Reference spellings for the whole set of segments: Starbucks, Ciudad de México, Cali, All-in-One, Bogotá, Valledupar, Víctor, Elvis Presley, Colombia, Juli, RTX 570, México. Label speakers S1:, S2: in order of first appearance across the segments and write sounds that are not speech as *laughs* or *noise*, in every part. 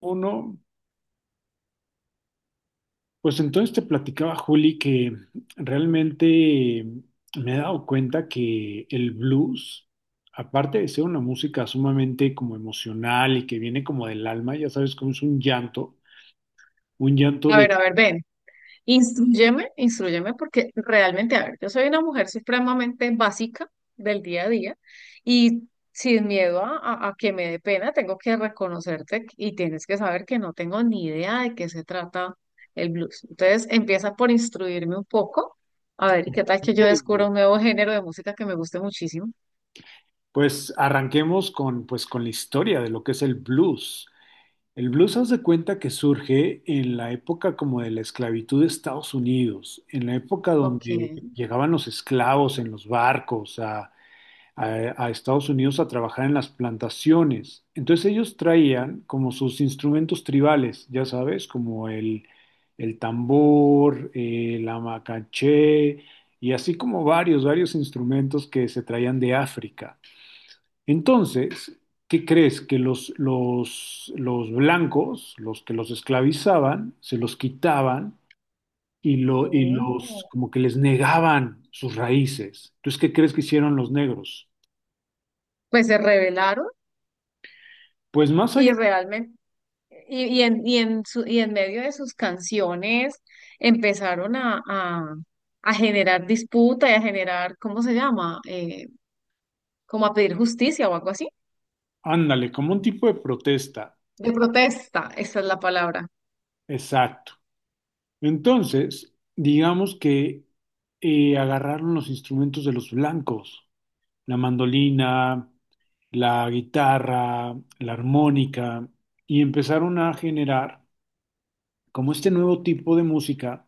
S1: Uno, pues entonces te platicaba, Juli, que realmente me he dado cuenta que el blues, aparte de ser una música sumamente como emocional y que viene como del alma, ya sabes cómo es un llanto de,
S2: A ver, ven, instruyeme, instruyeme, porque realmente, a ver, yo soy una mujer supremamente básica del día a día y sin miedo a que me dé pena, tengo que reconocerte y tienes que saber que no tengo ni idea de qué se trata el blues. Entonces, empieza por instruirme un poco, a ver, y qué tal que yo descubra un nuevo género de música que me guste muchísimo.
S1: pues arranquemos con, pues con la historia de lo que es el blues. El blues, haz de cuenta que surge en la época como de la esclavitud de Estados Unidos, en la época
S2: Ok.
S1: donde llegaban los esclavos en los barcos a Estados Unidos a trabajar en las plantaciones. Entonces ellos traían como sus instrumentos tribales, ya sabes, como el tambor, la macaché y así como varios, varios instrumentos que se traían de África. Entonces, ¿qué crees? Que los blancos, los que los esclavizaban, se los quitaban y, y los
S2: Oh.
S1: como que les negaban sus raíces. Entonces, ¿qué crees que hicieron los negros?
S2: Pues se revelaron
S1: Pues más
S2: y
S1: allá.
S2: realmente Y en medio de sus canciones empezaron a generar disputa y a generar, ¿cómo se llama? Como a pedir justicia o algo así.
S1: Ándale, como un tipo de protesta.
S2: De protesta, esa es la palabra.
S1: Exacto. Entonces, digamos que agarraron los instrumentos de los blancos, la mandolina, la guitarra, la armónica, y empezaron a generar como este nuevo tipo de música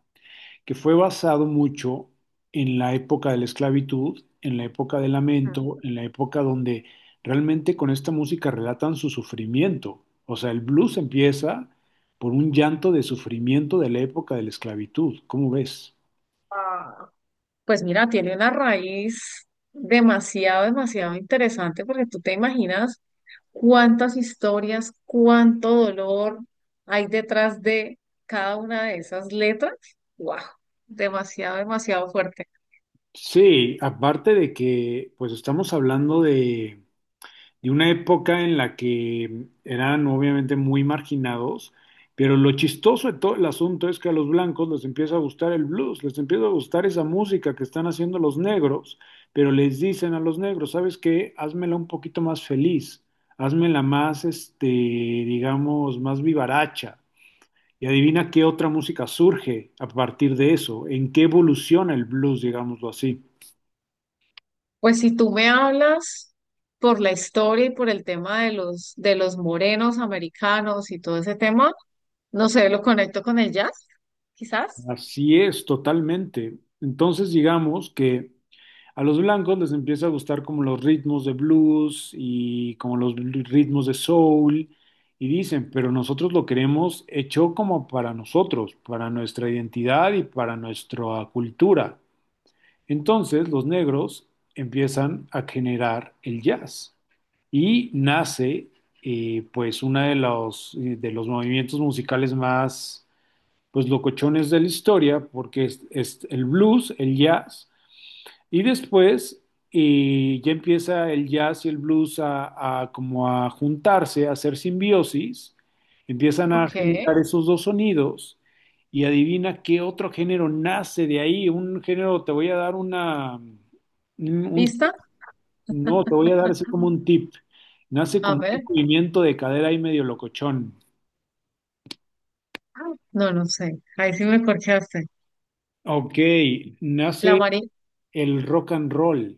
S1: que fue basado mucho en la época de la esclavitud, en la época del lamento, en la época donde realmente con esta música relatan su sufrimiento. O sea, el blues empieza por un llanto de sufrimiento de la época de la esclavitud. ¿Cómo ves?
S2: Ah, Pues mira, tiene una raíz demasiado, demasiado interesante porque tú te imaginas cuántas historias, cuánto dolor hay detrás de cada una de esas letras. ¡Wow! Demasiado, demasiado fuerte.
S1: Sí, aparte de que pues estamos hablando de una época en la que eran obviamente muy marginados, pero lo chistoso de todo el asunto es que a los blancos les empieza a gustar el blues, les empieza a gustar esa música que están haciendo los negros, pero les dicen a los negros, ¿sabes qué? Házmela un poquito más feliz, házmela más, este, digamos, más vivaracha. Y adivina qué otra música surge a partir de eso, en qué evoluciona el blues, digámoslo así.
S2: Pues si tú me hablas por la historia y por el tema de los morenos americanos y todo ese tema, no sé, lo conecto con el jazz, quizás.
S1: Así es, totalmente. Entonces, digamos que a los blancos les empieza a gustar como los ritmos de blues y como los ritmos de soul y dicen, pero nosotros lo queremos hecho como para nosotros, para nuestra identidad y para nuestra cultura. Entonces los negros empiezan a generar el jazz y nace pues uno de los movimientos musicales más pues locochones de la historia porque es el blues, el jazz y después ya empieza el jazz y el blues a como a juntarse, a hacer simbiosis, empiezan a
S2: Ok,
S1: generar esos dos sonidos y adivina qué otro género nace de ahí, un género, te voy a dar una, un-
S2: ¿lista?
S1: no, te voy a dar así como un tip, nace
S2: A
S1: como un
S2: ver.
S1: movimiento de cadera y medio locochón.
S2: Ah, no, no sé. Ahí sí me corchaste.
S1: Ok,
S2: La
S1: nace
S2: María.
S1: el rock and roll.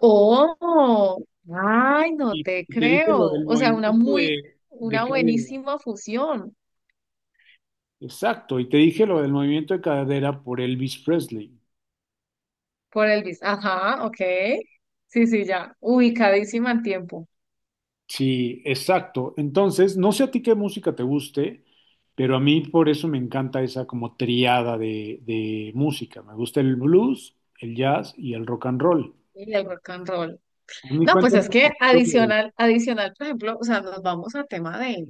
S2: ¡Oh! ¡Ay, no
S1: Y te
S2: te
S1: y te dije lo
S2: creo!
S1: del
S2: O sea, una
S1: movimiento
S2: muy,
S1: de
S2: una
S1: cadera.
S2: buenísima fusión
S1: Exacto, y te dije lo del movimiento de cadera por Elvis Presley.
S2: por Elvis. Ajá, ok. Sí, sí, ya. Ubicadísima en tiempo.
S1: Sí, exacto. Entonces, no sé a ti qué música te guste, pero a mí por eso me encanta esa como triada de música. Me gusta el blues, el jazz y el rock and roll.
S2: Y el rock and roll.
S1: A mí
S2: No, pues
S1: cuéntame
S2: es
S1: un
S2: que
S1: poquito.
S2: adicional, adicional, por ejemplo, o sea, nos vamos a tema de,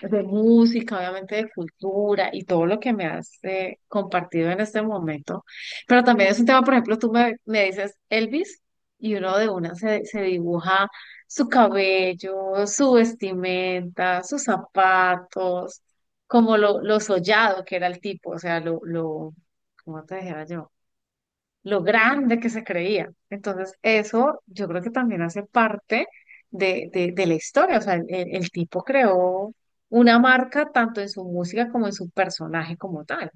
S2: de música, obviamente de cultura y todo lo que me has compartido en este momento. Pero también es un tema, por ejemplo, tú me dices Elvis y uno de una se dibuja su cabello, su vestimenta, sus zapatos, como lo sollado que era el tipo, o sea, lo, ¿cómo te dijera yo? Lo grande que se creía. Entonces, eso yo creo que también hace parte de la historia. O sea, el tipo creó una marca tanto en su música como en su personaje como tal.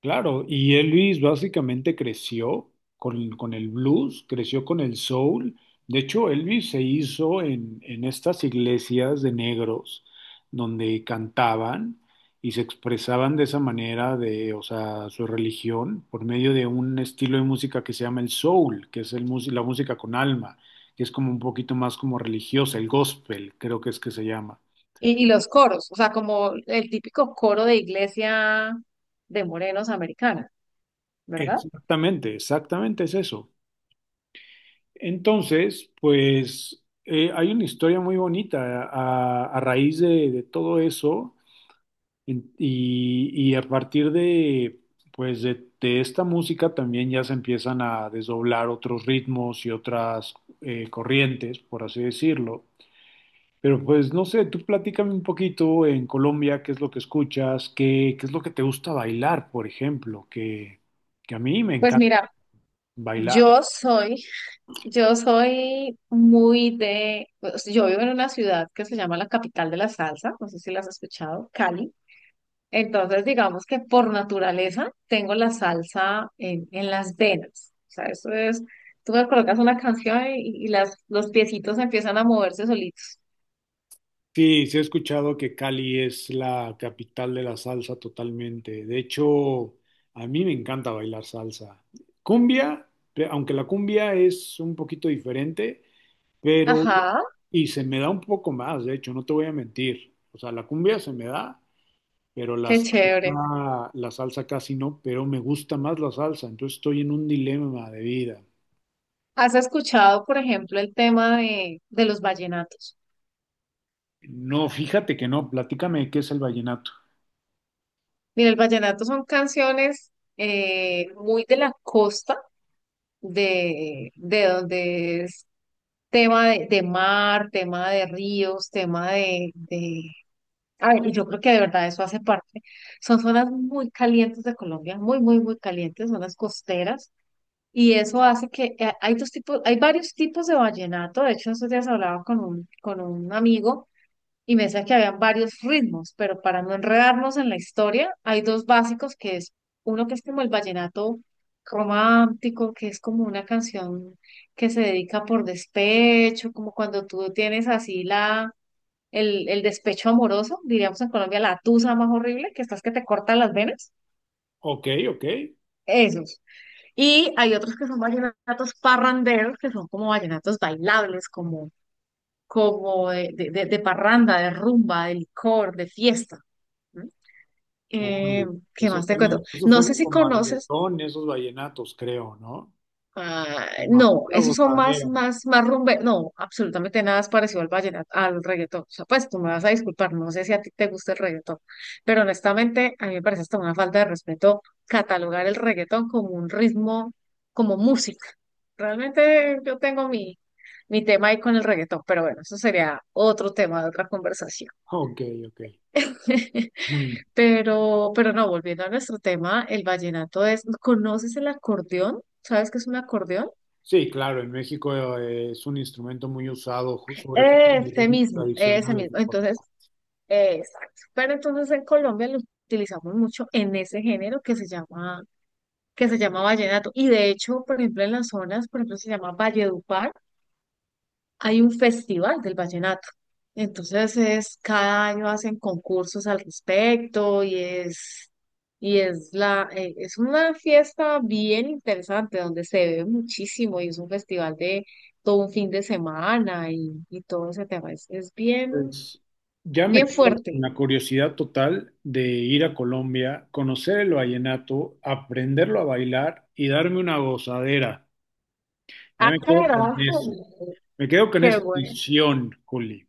S1: Claro, y Elvis básicamente creció con el blues, creció con el soul. De hecho, Elvis se hizo en estas iglesias de negros donde cantaban y se expresaban de esa manera de, o sea, su religión por medio de un estilo de música que se llama el soul, que es el, la música con alma, que es como un poquito más como religiosa, el gospel, creo que es que se llama.
S2: Y los coros, o sea, como el típico coro de iglesia de morenos americana, ¿verdad?
S1: Exactamente, exactamente es eso. Entonces, pues hay una historia muy bonita a raíz de todo eso y a partir de, pues de esta música también ya se empiezan a desdoblar otros ritmos y otras corrientes, por así decirlo. Pero pues no sé, tú platícame un poquito en Colombia, qué es lo que escuchas, qué, qué es lo que te gusta bailar, por ejemplo, que a mí me
S2: Pues
S1: encanta
S2: mira,
S1: bailar.
S2: yo soy, yo soy muy de, o sea, yo vivo en una ciudad que se llama la capital de la salsa, no sé si la has escuchado, Cali. Entonces, digamos que por naturaleza tengo la salsa en las venas. O sea, eso es, tú me colocas una canción y las, los piecitos empiezan a moverse solitos.
S1: Sí, sí he escuchado que Cali es la capital de la salsa totalmente. De hecho, a mí me encanta bailar salsa. Cumbia, aunque la cumbia es un poquito diferente, pero
S2: Ajá,
S1: y se me da un poco más, de hecho, no te voy a mentir. O sea, la cumbia se me da, pero
S2: qué chévere.
S1: la salsa casi no, pero me gusta más la salsa, entonces estoy en un dilema de vida.
S2: ¿Has escuchado, por ejemplo, el tema de los vallenatos?
S1: No, fíjate que no, platícame qué es el vallenato.
S2: Mira, el vallenato son canciones muy de la costa, de donde es tema de mar, tema de ríos, tema de. A ver, y yo creo que de verdad eso hace parte. Son zonas muy calientes de Colombia, muy, muy, muy calientes, zonas costeras. Y eso hace que hay dos tipos, hay varios tipos de vallenato. De hecho, esos días hablaba con un amigo y me decía que habían varios ritmos, pero para no enredarnos en la historia, hay dos básicos que es uno que es como el vallenato romántico, que es como una canción que se dedica por despecho, como cuando tú tienes así la el despecho amoroso, diríamos en Colombia, la tusa más horrible, que estás que te cortan las venas,
S1: Ok, ok.
S2: esos. Y hay otros que son vallenatos parranderos, que son como vallenatos bailables, como, como de parranda, de rumba, de licor, de fiesta, ¿no? Eh,
S1: Uy,
S2: ¿Qué más te cuento?
S1: eso
S2: No
S1: suena
S2: sé si
S1: como a
S2: conoces.
S1: reggaetón, esos vallenatos, creo, ¿no?
S2: Ah,
S1: Como a
S2: no,
S1: pura
S2: esos son más,
S1: gozadera.
S2: más, más rumbe. No, absolutamente nada es parecido al vallenato, al reggaetón. O sea, pues tú me vas a disculpar, no sé si a ti te gusta el reggaetón, pero honestamente a mí me parece hasta una falta de respeto catalogar el reggaetón como un ritmo, como música. Realmente yo tengo mi, mi tema ahí con el reggaetón, pero bueno, eso sería otro tema de otra conversación.
S1: Ok, ok.
S2: *laughs*
S1: Mm.
S2: Pero no, volviendo a nuestro tema, el vallenato es, ¿conoces el acordeón? ¿Sabes qué es un acordeón?
S1: Sí, claro, en México es un instrumento muy usado, sobre todo en los
S2: Ese
S1: ritmos
S2: mismo, ese
S1: tradicionales.
S2: mismo.
S1: ¿No?
S2: Entonces, exacto. Pero entonces en Colombia lo utilizamos mucho en ese género que se llama vallenato. Y de hecho, por ejemplo, en las zonas, por ejemplo, se llama Valledupar, hay un festival del vallenato. Entonces es, cada año hacen concursos al respecto y es la, es una fiesta bien interesante donde se ve muchísimo y es un festival de todo un fin de semana y todo ese tema. Es bien.
S1: Pues, ya me
S2: Bien
S1: quedo con
S2: fuerte.
S1: la curiosidad total de ir a Colombia, conocer el vallenato, aprenderlo a bailar y darme una gozadera. Ya
S2: Ah,
S1: me quedo con
S2: carajo.
S1: eso. Me quedo con
S2: Qué
S1: esa
S2: bueno.
S1: visión, Juli.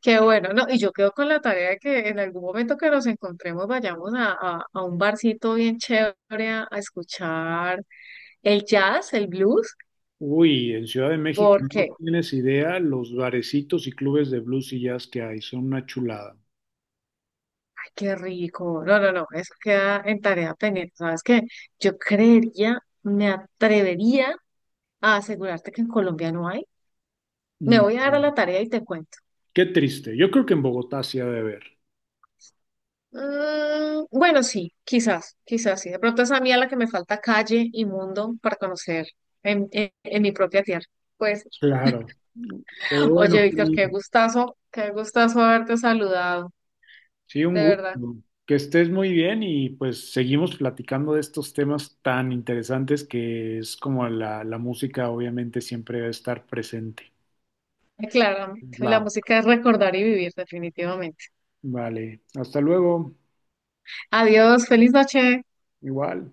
S2: Qué bueno, ¿no? Y yo quedo con la tarea de que en algún momento que nos encontremos vayamos a un barcito bien chévere a escuchar el jazz, el blues,
S1: Uy, en Ciudad de México no
S2: porque,
S1: tienes idea los barecitos y clubes de blues y jazz que hay, son una chulada.
S2: ay, qué rico. No, no, no, eso queda en tarea pendiente. ¿Sabes qué? Yo creería, me atrevería a asegurarte que en Colombia no hay. Me
S1: Mm,
S2: voy a dar a la tarea y te cuento.
S1: qué triste. Yo creo que en Bogotá sí ha de haber.
S2: Mm, bueno, sí, quizás, quizás sí. De pronto es a mí a la que me falta calle y mundo para conocer en mi propia tierra. Pues,
S1: Claro. Pero bueno,
S2: oye, Víctor,
S1: Juli,
S2: qué gustazo haberte saludado,
S1: sí, un
S2: de verdad.
S1: gusto. Que estés muy bien y pues seguimos platicando de estos temas tan interesantes que es como la música obviamente siempre debe estar presente.
S2: Claramente, la
S1: Claro.
S2: música es recordar y vivir, definitivamente.
S1: Vale, hasta luego.
S2: Adiós, feliz noche.
S1: Igual.